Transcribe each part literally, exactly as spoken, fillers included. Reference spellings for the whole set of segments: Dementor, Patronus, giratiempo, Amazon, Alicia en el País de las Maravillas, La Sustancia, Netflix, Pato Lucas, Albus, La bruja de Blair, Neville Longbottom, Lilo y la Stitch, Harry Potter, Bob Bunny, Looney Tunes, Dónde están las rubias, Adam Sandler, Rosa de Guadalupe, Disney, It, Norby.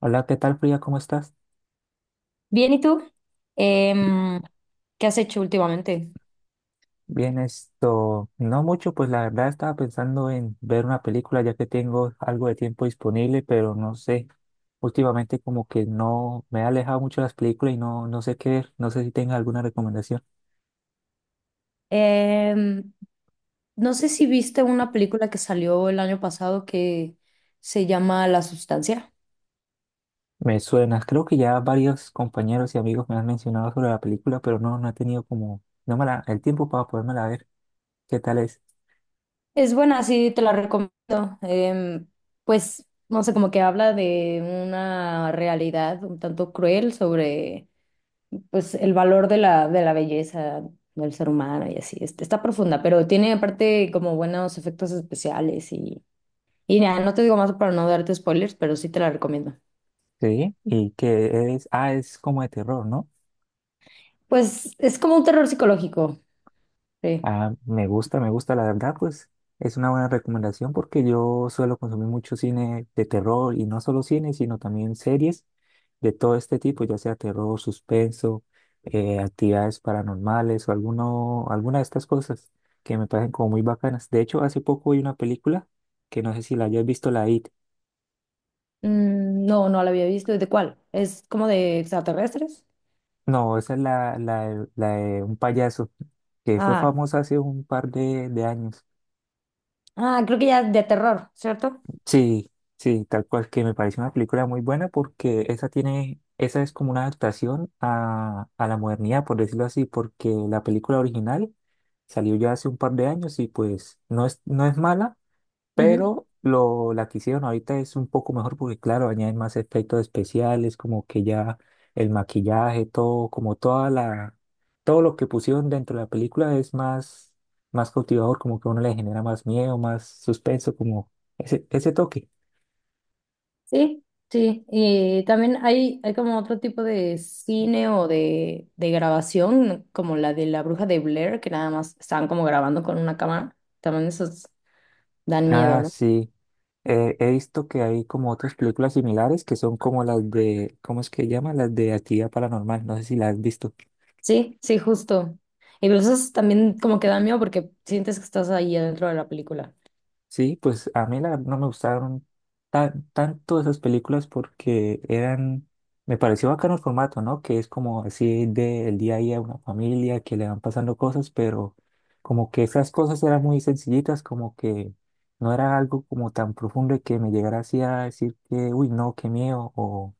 Hola, ¿qué tal, Frida? ¿Cómo estás? Bien, ¿y tú? Bi- Em, ¿qué has hecho últimamente? Bien, esto, no mucho, pues la verdad estaba pensando en ver una película ya que tengo algo de tiempo disponible, pero no sé, últimamente como que no me he alejado mucho de las películas y no, no sé qué ver, no sé si tenga alguna recomendación. Em, no sé si viste una película que salió el año pasado que se llama La Sustancia. Me suena, creo que ya varios compañeros y amigos me han mencionado sobre la película, pero no, no he tenido como, no me la, el tiempo para podérmela ver. ¿Qué tal es? Es buena, sí, te la recomiendo. Em, pues, no sé, como que habla de una realidad un tanto cruel sobre, pues, el valor de la, de la belleza del ser humano y así. Este, está profunda, pero tiene aparte como buenos efectos especiales. Y ya, no te digo más para no darte spoilers, pero sí te la recomiendo. Sí, y que es, ah, es como de terror, ¿no? Pues es como un terror psicológico. Sí. Ah, me gusta, me gusta, la verdad, pues es una buena recomendación porque yo suelo consumir mucho cine de terror y no solo cine, sino también series de todo este tipo, ya sea terror, suspenso, eh, actividades paranormales o alguno, alguna de estas cosas que me parecen como muy bacanas. De hecho, hace poco vi una película que no sé si la hayas visto, la It. Mm, no, no la había visto. ¿De cuál? ¿Es como de extraterrestres? No, esa es la, la, de- la de un payaso que fue Ah, famosa hace un par de, de años. ah, creo que ya de terror, ¿cierto? Sí, sí, tal cual que me parece una película muy buena porque esa tiene, esa es como una adaptación a, a la modernidad, por decirlo así, porque la película original salió ya hace un par de años y pues no es, no es mala, Ujú. pero lo, la que hicieron ahorita es un poco mejor porque, claro, añaden más efectos especiales, como que ya el maquillaje, todo, como toda la, todo lo que pusieron dentro de la película es más, más cautivador, como que a uno le genera más miedo, más suspenso, como ese, ese toque. Sí, sí. Y también hay, hay como otro tipo de cine o de, de grabación, como la de la bruja de Blair, que nada más estaban como grabando con una cámara. También esos dan miedo, Ah, ¿no? sí. Eh, he visto que hay como otras películas similares que son como las de, ¿cómo es que llama? Las de actividad paranormal. No sé si las has visto. Sí, sí, justo. Y pero eso también como que da miedo porque sientes que estás ahí adentro de la película. Sí, pues a mí la verdad no me gustaron tan, tanto esas películas porque eran, me pareció bacano el formato, ¿no? Que es como así del día a día, de una familia que le van pasando cosas, pero como que esas cosas eran muy sencillitas, como que no era algo como tan profundo y que me llegara así a decir que, uy, no, qué miedo, o,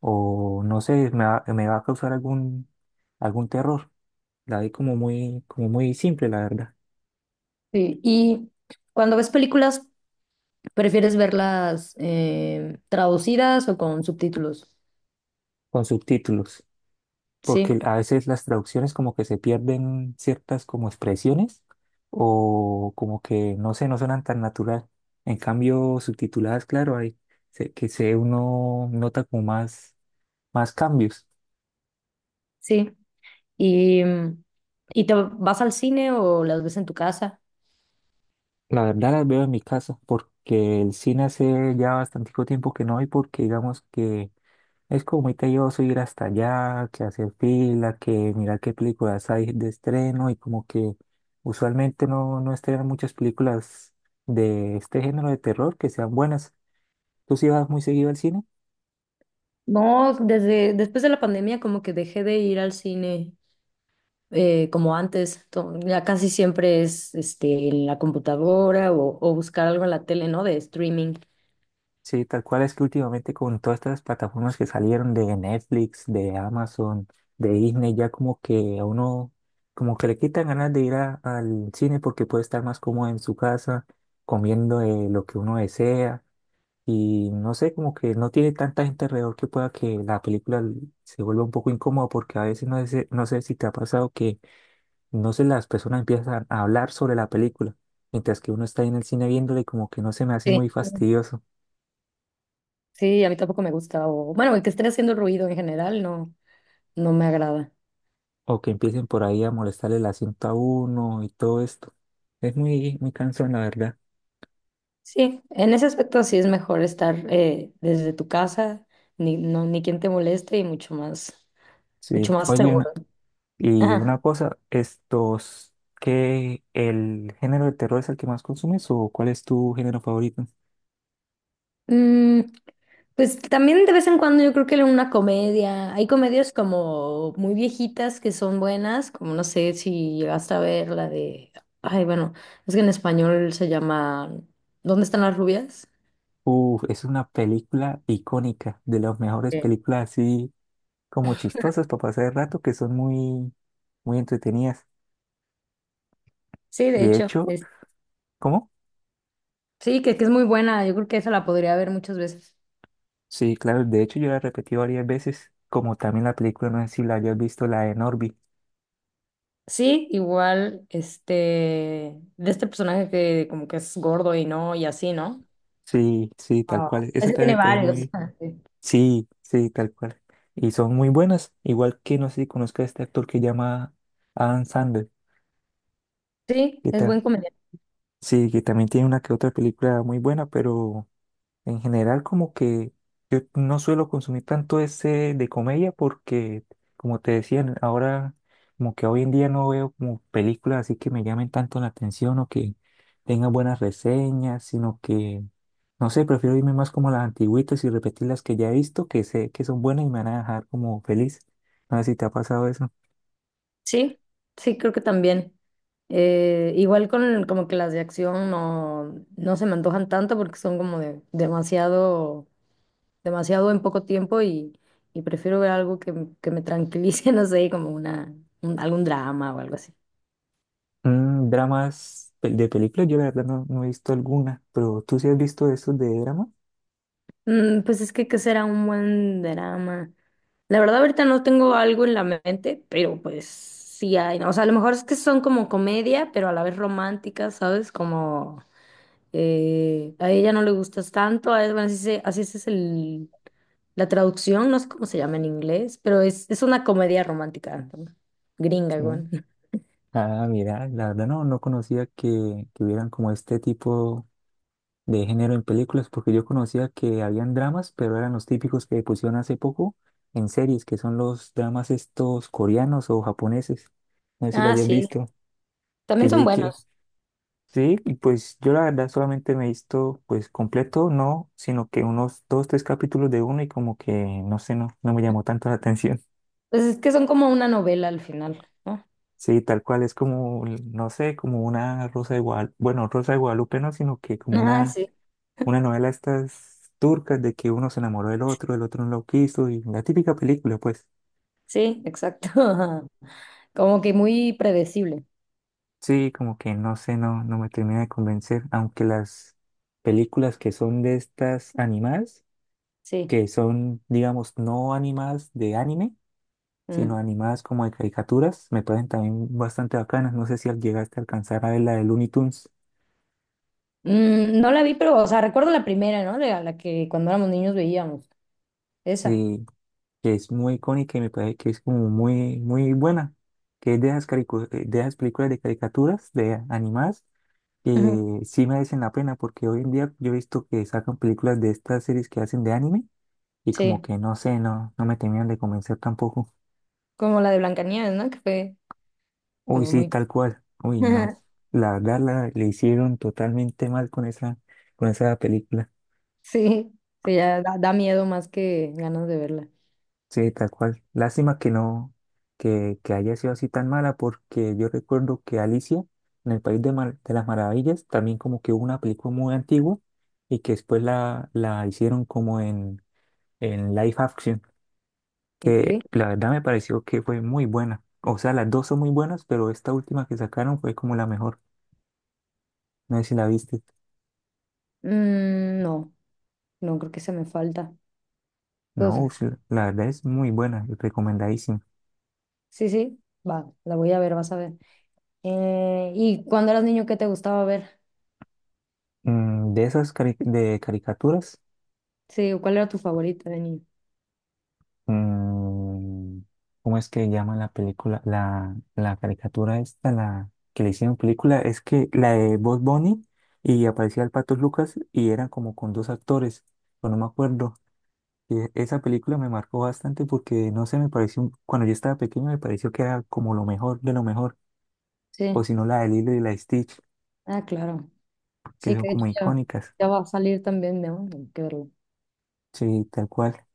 o no sé, me va, me va a causar algún, algún terror. La vi como muy, como muy simple, la verdad, Sí. Y cuando ves películas, ¿prefieres verlas eh, traducidas o con subtítulos? con subtítulos. Porque Sí, a veces las traducciones como que se pierden ciertas como expresiones o como que no sé, no suenan tan natural. En cambio, subtituladas, claro, hay se- que se uno nota como más, más cambios. sí. ¿Y, mm, y te vas al cine o las ves en tu casa? La verdad las veo en mi casa porque el cine hace ya bastante tiempo que no hay porque digamos que es como muy tedioso ir hasta allá, que hacer fila, que mirar qué películas hay de estreno y como que usualmente no, no estrenan muchas películas de este género de terror que sean buenas. ¿Tú sí vas muy seguido al cine? No, desde después de la pandemia como que dejé de ir al cine eh, como antes. To- Ya casi siempre es este, en la computadora o, o buscar algo en la tele, ¿no? De streaming. Sí, tal cual es que últimamente con todas estas plataformas que salieron de Netflix, de Amazon, de Disney, ya como que a uno como que le quitan ganas de ir a- al cine porque puede estar más cómodo en su casa, comiendo eh, lo que uno desea. Y no sé, como que no tiene tanta gente alrededor que pueda que la película l- se vuelva un poco incómoda porque a veces no sé, no sé si te ha pasado que no sé, las personas empiezan a hablar sobre la película, mientras que uno está ahí en el cine viéndole, como que no se me hace Sí. muy fastidioso Sí, a mí tampoco me gusta. O, bueno, el que esté haciendo ruido en general no, no me agrada. o que empiecen por ahí a molestarle el asiento a uno y todo esto. Es muy, muy cansón, la verdad. Sí, en ese aspecto sí es mejor estar eh, desde tu casa, ni, no, ni quien te moleste y mucho más, mucho Sí, más oye, seguro. una- y Ajá. una cosa, estos, ¿qué el género de terror es el que más consumes o cuál es tu género favorito? Mm, pues también de vez en cuando yo creo que una comedia, hay comedias como muy viejitas que son buenas, como no sé si llegaste a ver la de, ay, bueno, es que en español se llama ¿Dónde están las rubias? Uf, es una película icónica, de las mejores Eh, películas así como chistosas para pasar el rato, que son muy, muy entretenidas. Sí, de Y de hecho, hecho, ¿cómo? sí, que, que es muy buena. Yo creo que esa la podría ver muchas veces. Sí, claro, de hecho yo la repetí varias veces, como también la película, no sé si la hayas visto, la de Norby. Sí, igual, este, de este personaje que como que es gordo y no, y así, ¿no? Sí, sí, tal Ah, cual. Esa ese también tiene me parece varios. muy... Ah, sí, Sí, sí, tal cual. Y son muy buenas, igual que no sé si conozca a este actor que llama Adam Sandler, sí, que es ta- buen comediante. sí, que también tiene una que otra película muy buena, pero... En general, como que yo no suelo consumir tanto ese de comedia porque, como te decía ahora, como que hoy en día no veo como películas así que me llamen tanto la atención o que tengan buenas reseñas, sino que, no sé, prefiero irme más como a las antigüitas y repetir las que ya he visto, que sé que son buenas y me van a dejar como feliz. No sé si te ha pasado eso. Sí, sí, creo que también. Eh, igual con como que las de acción no, no se me antojan tanto porque son como de demasiado, demasiado en poco tiempo y, y prefiero ver algo que, que me tranquilice, no sé, como una, un- algún drama o algo así. Mm, dramas pel- de películas, yo la verdad no, no he visto alguna, pero tú sí has visto esos de drama, Mm, pues es que qué será un buen drama. La verdad ahorita no tengo algo en la mente, pero pues sí hay, ¿no? O sea, a lo mejor es que son como comedia, pero a la vez románticas, ¿sabes? Como eh, a ella no le gustas tanto, a él, bueno, así, se- así es el, la traducción, no sé cómo se llama en inglés, pero es, es una comedia romántica, ¿no? Gringa, sí. güey. Ah, mira, la verdad no, no conocía que, que hubieran como este tipo de género en películas, porque yo conocía que habían dramas, pero eran los típicos que pusieron hace poco en series, que son los dramas estos coreanos o japoneses. No sé si lo Ah, hayas sí, visto, que también yo son vi que buenos. sí, y pues yo la verdad solamente me he visto pues completo, no, sino que unos dos, tres capítulos de uno y como que no sé, no, no me llamó tanto la atención. Pues es que son como una novela al final, ¿no? Sí, tal cual, es como, no sé, como una Rosa de Guadalupe, bueno, Rosa de Guadalupe no, sino que como Ah, una, sí, una novela estas turcas de que uno se enamoró del otro, el otro no lo quiso, y la típica película, pues. sí, exacto. Como que muy predecible, Sí, como que no sé, no, no me termina de convencer, aunque las películas que son de estas animadas, sí. que son, digamos, no animadas de anime, sino Mm. animadas como de caricaturas, me parecen también bastante bacanas, no sé si al- llegaste a alcanzar a ver la de Looney Tunes. Mm, no la vi, pero, o sea, recuerdo la primera, ¿no? La, la que cuando éramos niños veíamos. Esa. Sí, que es muy icónica y me parece que es como muy, muy buena, que es de esas, caricu- eh, de esas películas de caricaturas, de animadas, Ujú. que sí merecen la pena, porque hoy en día yo he visto que sacan películas de estas series que hacen de anime y como Sí, que no sé, no, no me terminan de convencer tampoco. como la de Blancanieves, ¿no? Que fue Uy, como sí, muy... tal cual. Uy, no. La verdad la, le hicieron totalmente mal con esa, con esa película. Sí, sí, ya da, da miedo más que ganas de verla. Sí, tal cual. Lástima que no, que, que haya sido así tan mala, porque yo recuerdo que Alicia en el País de, Mar- de las Maravillas, también como que hubo una película muy antigua y que después la, la hicieron como en, en live action, Ok. que la verdad me pareció que fue muy buena. O sea, las dos son muy buenas, pero esta última que sacaron fue como la mejor. No sé si la viste. Mm, no, no creo que se me falta. No, Entonces, sí, la verdad es muy buena, recomendadísima. sí, sí, va, la voy a ver, vas a ver. Eh, ¿y cuando eras niño, qué te gustaba ver? Mm, de esas cari- de caricaturas. Sí, ¿cuál era tu favorita de niño? Mm, ¿cómo es que llama la película? La, la caricatura esta, la que le hicieron película, es que la de Bob Bunny y aparecía el Pato Lucas y eran como con dos actores, pero no me acuerdo. Y e- esa película me marcó bastante porque, no sé, me pareció, un- cuando yo estaba pequeño me pareció que era como lo mejor de lo mejor, o Sí, si no la de Lilo y la Stitch, ah, claro. que Sí, son que de como hecho ya, icónicas. ya va a salir también, ¿no? Hay que verlo. Sí, tal cual.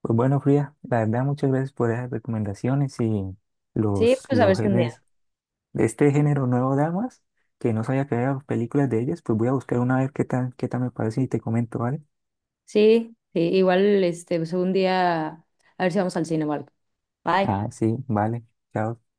Pues bueno, Frida, la verdad, muchas gracias por esas recomendaciones y Sí, los, pues a ver los si un día. géneros de este género nuevo damas, que no sabía que había películas de ellas, pues voy a buscar una a ver qué tal, qué tal me parece y te comento, ¿vale? Sí, sí, igual, este, pues un día, a ver si vamos al cine, Marco. Bye. Ah, sí, vale. Chao.